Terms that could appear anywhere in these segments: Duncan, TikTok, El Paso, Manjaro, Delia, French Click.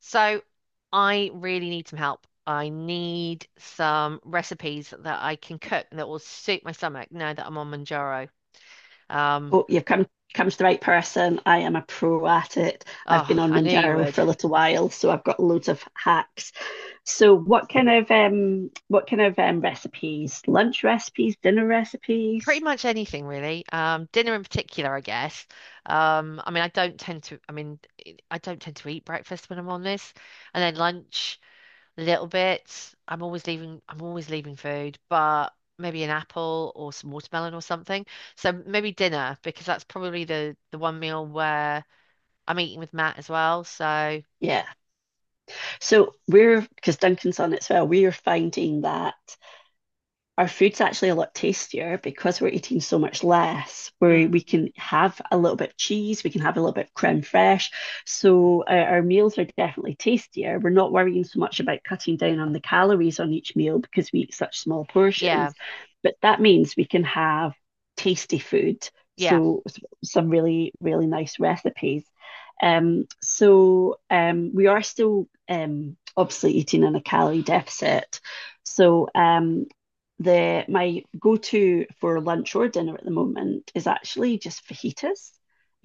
So I really need some help. I need some recipes that I can cook that will suit my stomach now that I'm on Manjaro. Um, Oh, you've come to the right person. I am a pro at it. I've been oh, on I knew you Manjaro would. for a little while, so I've got loads of hacks. So, what kind of recipes? Lunch recipes, dinner Pretty recipes? much anything really. Dinner in particular, I guess. I mean, I don't tend to. I mean, I don't tend to eat breakfast when I'm on this, and then lunch a little bit. I'm always leaving food, but maybe an apple or some watermelon or something. So maybe dinner because that's probably the one meal where I'm eating with Matt as well. So Yeah. So we're because Duncan's on it as well. We are finding that our food's actually a lot tastier because we're eating so much less, where we mm, can have a little bit of cheese, we can have a little bit of creme fraiche. So our meals are definitely tastier. We're not worrying so much about cutting down on the calories on each meal because we eat such small yeah, portions. But that means we can have tasty food. yeah, So some really, really nice recipes. We are still obviously eating in a calorie deficit. So the my go-to for lunch or dinner at the moment is actually just fajitas,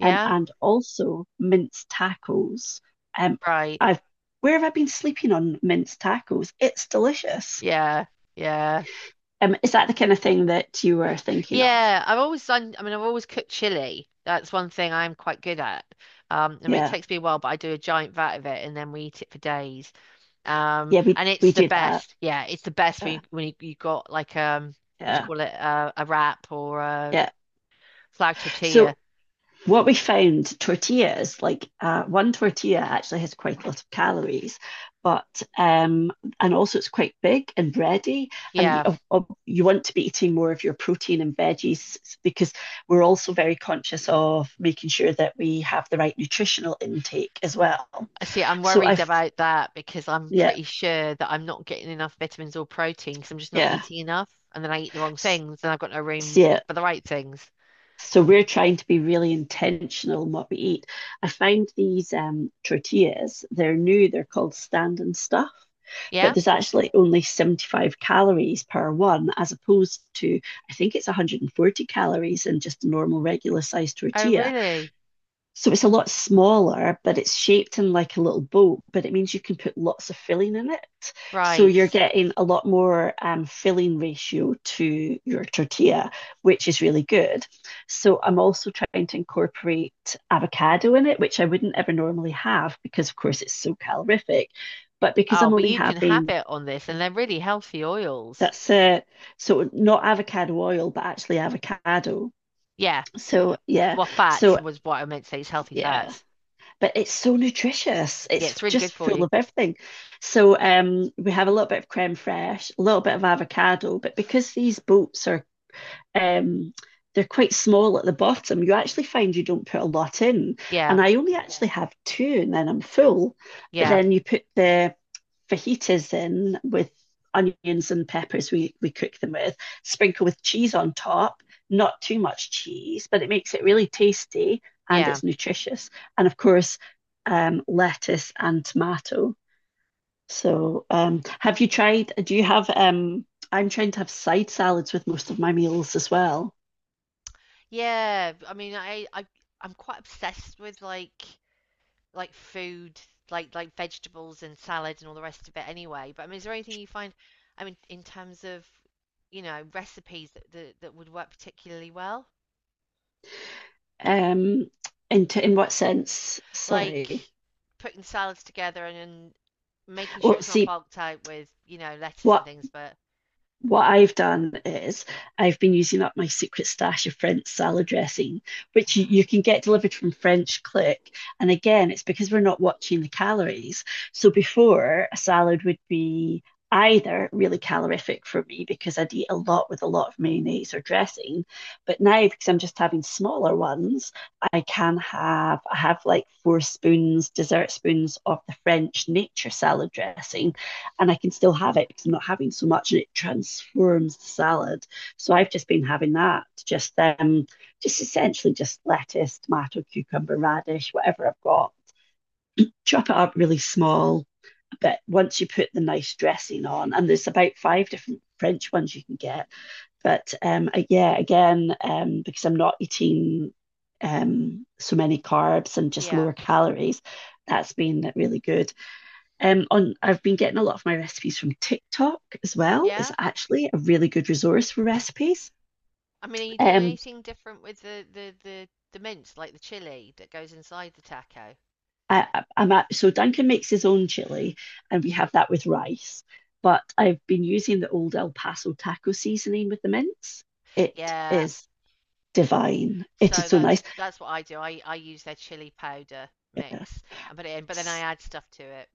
and also minced tacos. Um, right, I've Where have I been sleeping on minced tacos? It's delicious. yeah, yeah, Is that the kind of thing that you were thinking of? yeah. I've always I've always cooked chili. That's one thing I'm quite good at. I mean, it Yeah, takes me a while, but I do a giant vat of it, and then we eat it for days. Yeah, we And it's we the do that. best. Yeah, it's the best when Yeah, you, when you, you got like what do you yeah, call it, a wrap or a yeah. flag tortilla. So what we found, tortillas, like one tortilla actually has quite a lot of calories, but um, and also it's quite big and bready, and Yeah. you want to be eating more of your protein and veggies because we're also very conscious of making sure that we have the right nutritional intake as well. See, I'm So worried I, about that because I'm yeah, pretty sure that I'm not getting enough vitamins or protein because I'm just not yeah, eating enough. And then I eat the wrong S- things and I've got no room Yeah. for the right things. So we're trying to be really intentional in what we eat. I found these tortillas, they're new, they're called stand and stuff, but Yeah? there's actually only 75 calories per one, as opposed to, I think it's 140 calories in just a normal regular sized Oh, tortilla. really? So it's a lot smaller, but it's shaped in like a little boat, but it means you can put lots of filling in it. So Right. you're getting a lot more filling ratio to your tortilla, which is really good. So I'm also trying to incorporate avocado in it, which I wouldn't ever normally have because, of course, it's so calorific. But because Oh, I'm but only you can have having, it on this and they're really healthy oils. that's it. So not avocado oil, but actually avocado. Yeah. So yeah, Well, fats so was what I meant to say. It's healthy yeah, fats. but it's so nutritious. Yeah, It's it's really just good for full you. of everything. So we have a little bit of creme fraiche, a little bit of avocado, but because these boats are um, they're quite small at the bottom, you actually find you don't put a lot in. Yeah. And I only actually have two, and then I'm full. But Yeah. then you put the fajitas in with onions and peppers we cook them with, sprinkle with cheese on top, not too much cheese, but it makes it really tasty and Yeah. it's nutritious. And of course, lettuce and tomato. So, have you tried? Do you have? I'm trying to have side salads with most of my meals as well. Yeah. I mean, I'm quite obsessed with like food, like vegetables and salad and all the rest of it anyway. But I mean, is there anything you find, I mean, in terms of, you know, recipes that would work particularly well? Um, in what sense? Like Sorry. putting salads together and making sure Well, it's not see, bulked out with, you know, lettuce and what things, but what I've done is I've been using up my secret stash of French salad dressing, which you can get delivered from French Click. And again, it's because we're not watching the calories. So before, a salad would be either really calorific for me because I'd eat a lot with a lot of mayonnaise or dressing. But now, because I'm just having smaller ones, I have like four spoons, dessert spoons of the French nature salad dressing and I can still have it because I'm not having so much and it transforms the salad. So I've just been having that, just essentially just lettuce, tomato, cucumber, radish, whatever I've got. Chop it up really small, but once you put the nice dressing on, and there's about five different French ones you can get. But yeah, again, because I'm not eating so many carbs and just yeah. lower calories, that's been really good. On I've been getting a lot of my recipes from TikTok as well. It's Yeah. actually a really good resource for recipes. I mean, are you doing Um, anything different with the mince, like the chili that goes inside the taco? so Duncan makes his own chili, and we have that with rice. But I've been using the old El Paso taco seasoning with the mince. It Yeah, is divine. It is so so that's nice. What I do. I use their chili powder mix and put it in, but then I add stuff to it.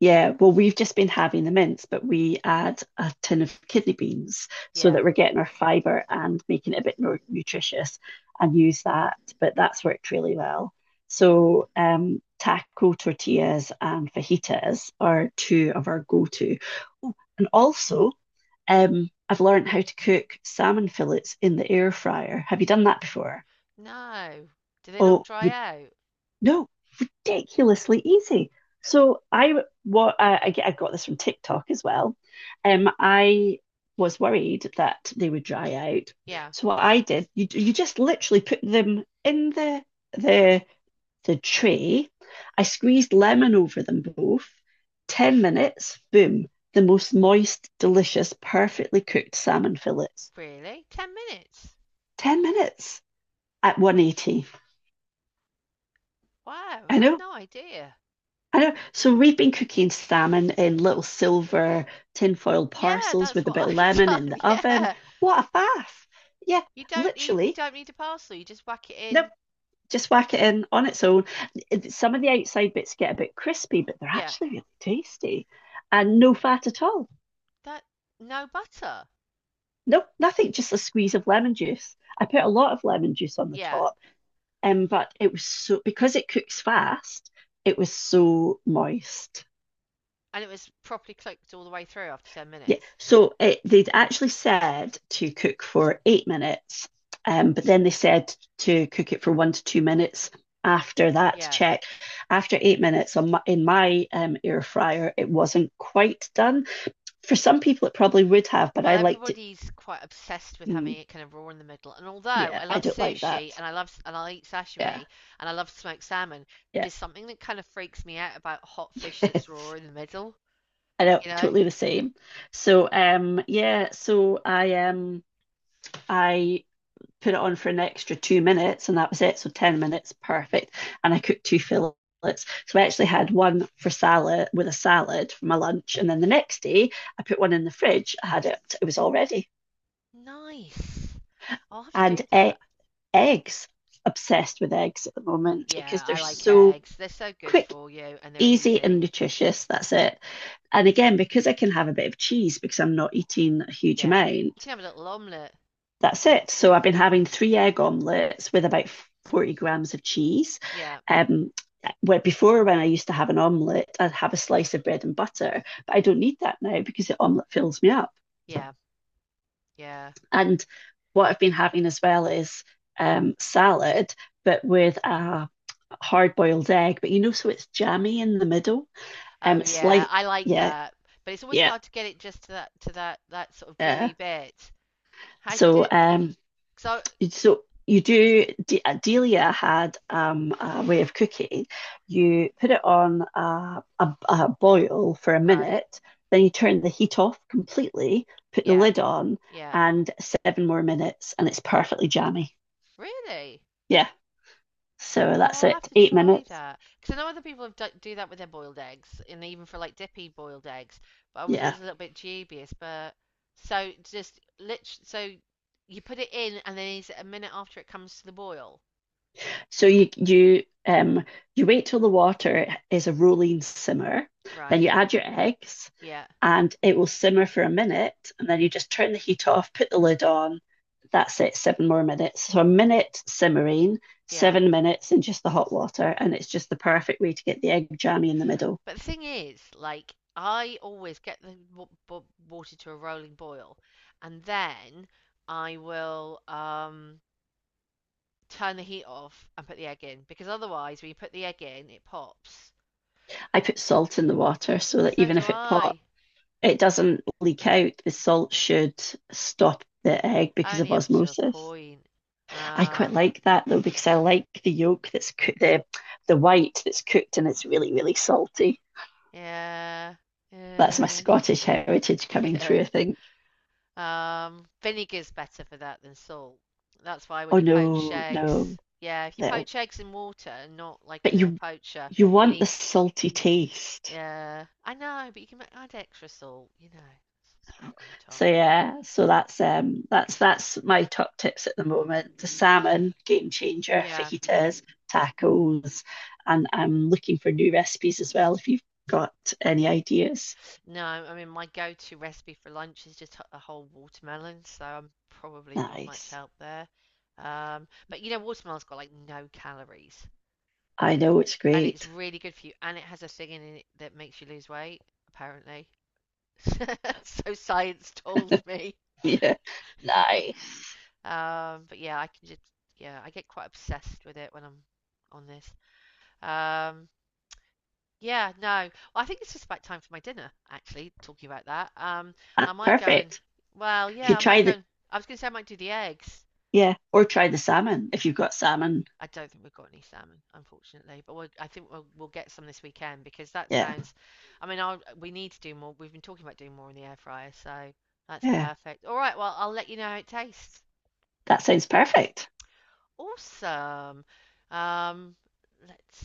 Yeah, well, we've just been having the mince, but we add a tin of kidney beans so Yeah. that we're getting our fiber and making it a bit more nutritious and use that. But that's worked really well. So, taco tortillas and fajitas are two of our go-to. Oh, and also, I've learned how to cook salmon fillets in the air fryer. Have you done that before? No. Do they not Oh, dry we, out? no, ridiculously easy. So I I got this from TikTok as well. I was worried that they would dry out. Yeah. So what I did, you just literally put them in the the the tray. I squeezed lemon over them both. 10 minutes, boom, the most moist, delicious, perfectly cooked salmon fillets. Really? 10 minutes? 10 minutes at 180. Wow, I I'd know, no idea. I know. So we've been cooking salmon in little silver tinfoil Yeah, parcels that's with a what bit of I've lemon in done. the oven. Yeah. What a faff! Yeah, You literally. don't need a parcel. You just whack it Nope, in. just whack it in on its own. Some of the outside bits get a bit crispy, but they're Yeah. actually really tasty and no fat at all. That no butter. Nope, nothing, just a squeeze of lemon juice. I put a lot of lemon juice on the Yeah. top, but it was so because it cooks fast, it was so moist. And it was properly cooked all the way through after 10 Yeah, minutes. so it, they'd actually said to cook for 8 minutes, but then they said to cook it for 1 to 2 minutes after that Yeah. check. After 8 minutes on in my air fryer, it wasn't quite done. For some people, it probably would have, but Well, I liked it. everybody's quite obsessed with Mm, having it kind of raw in the middle. And although yeah, I I love don't like sushi that. and I love and I eat Yeah, sashimi and I love smoked salmon, yeah, there's something that kind of freaks me out about hot fish that's raw yes. in the middle, I know, you know? totally the same. So, yeah, so I put it on for an extra 2 minutes, and that was it. So 10 minutes, perfect. And I cooked two fillets. So I actually had one for salad with a salad for my lunch. And then the next day, I put one in the fridge. I had it, it was all ready. Nice. I'll have to And do e- that. Eggs, obsessed with eggs at the moment because Yeah, they're I like so eggs. They're so good quick, for you and they're easy, and easy. nutritious. That's it. And again, because I can have a bit of cheese because I'm not eating a huge Yeah. You amount, can have a little omelette. that's it. So I've been having three egg omelets with about 40 grams of cheese. Yeah. Um, where before when I used to have an omelette, I'd have a slice of bread and butter, but I don't need that now because the omelette fills me up. Yeah. Yeah. And what I've been having as well is salad, but with a hard boiled egg. But you know, so it's jammy in the middle. Oh Um, yeah, slight, I like yeah, that. But it's always yeah. hard to get it just to that sort of Uh, gooey bit. How do you do so it? um, So, So you do, De Delia had a way of cooking. You put it on a boil for a right. minute, then you turn the heat off completely, put the Yeah, lid on, yeah. and seven more minutes, and it's perfectly jammy. Really? Yeah, so Oh, that's I'll have it. to Eight try minutes. that. Because I know other people do that with their boiled eggs, and even for like dippy boiled eggs. But I was Yeah. always a little bit dubious. But so just lit. So you put it in, and then is it a minute after it comes to the boil? So you wait till the water is a rolling simmer, then you Right. add your eggs Yeah, and it will simmer for a minute and then you just turn the heat off, put the lid on. That's it, seven more minutes. So a minute simmering, yeah. 7 minutes in just the hot water, and it's just the perfect way to get the egg jammy in the middle. But the thing is, like, I always get the water to a rolling boil, and then I will. Turn the heat off and put the egg in because otherwise, when you put the egg in, it pops. I put salt in the water so that So even do if it pops, I. it doesn't leak out. The salt should stop the egg because of Only up to a osmosis. point. I quite Um, like that though because I like the yolk that's cooked, the white that's cooked and it's really really salty. yeah, That's my yeah, Scottish heritage coming yeah. through, I think. Vinegar's better for that than salt. That's why when Oh you poach no, eggs, no, yeah, if you no. poach eggs in water and not like But in a poacher, you you want the need. salty taste. Yeah, I know, but you can add extra salt. You know, straight on the top. So yeah, so that's that's my top tips at the moment. The salmon, game changer, Yeah. fajitas, tacos, and I'm looking for new recipes as well if you've got any ideas. No, I mean my go-to recipe for lunch is just a whole watermelon, so I'm probably not much Nice. help there. But you know, watermelon's got like no calories, I know it's and it's great. really good for you, and it has a thing in it that makes you lose weight, apparently. So science told me. Yeah. Nice. But yeah, I can just yeah, I get quite obsessed with it when I'm on this. Um, Yeah, no. Well, I think it's just about time for my dinner, actually, talking about that. I Ah, might go and, perfect. well, You yeah, I try might go the, and, I was going to say I might do the eggs. yeah, or try the salmon if you've got salmon. I don't think we've got any salmon, unfortunately, I think we'll get some this weekend because that Yeah. sounds, I mean, we need to do more. We've been talking about doing more in the air fryer, so that's Yeah. perfect. All right, well, I'll let you know how it tastes. That sounds perfect. Awesome. Um, let's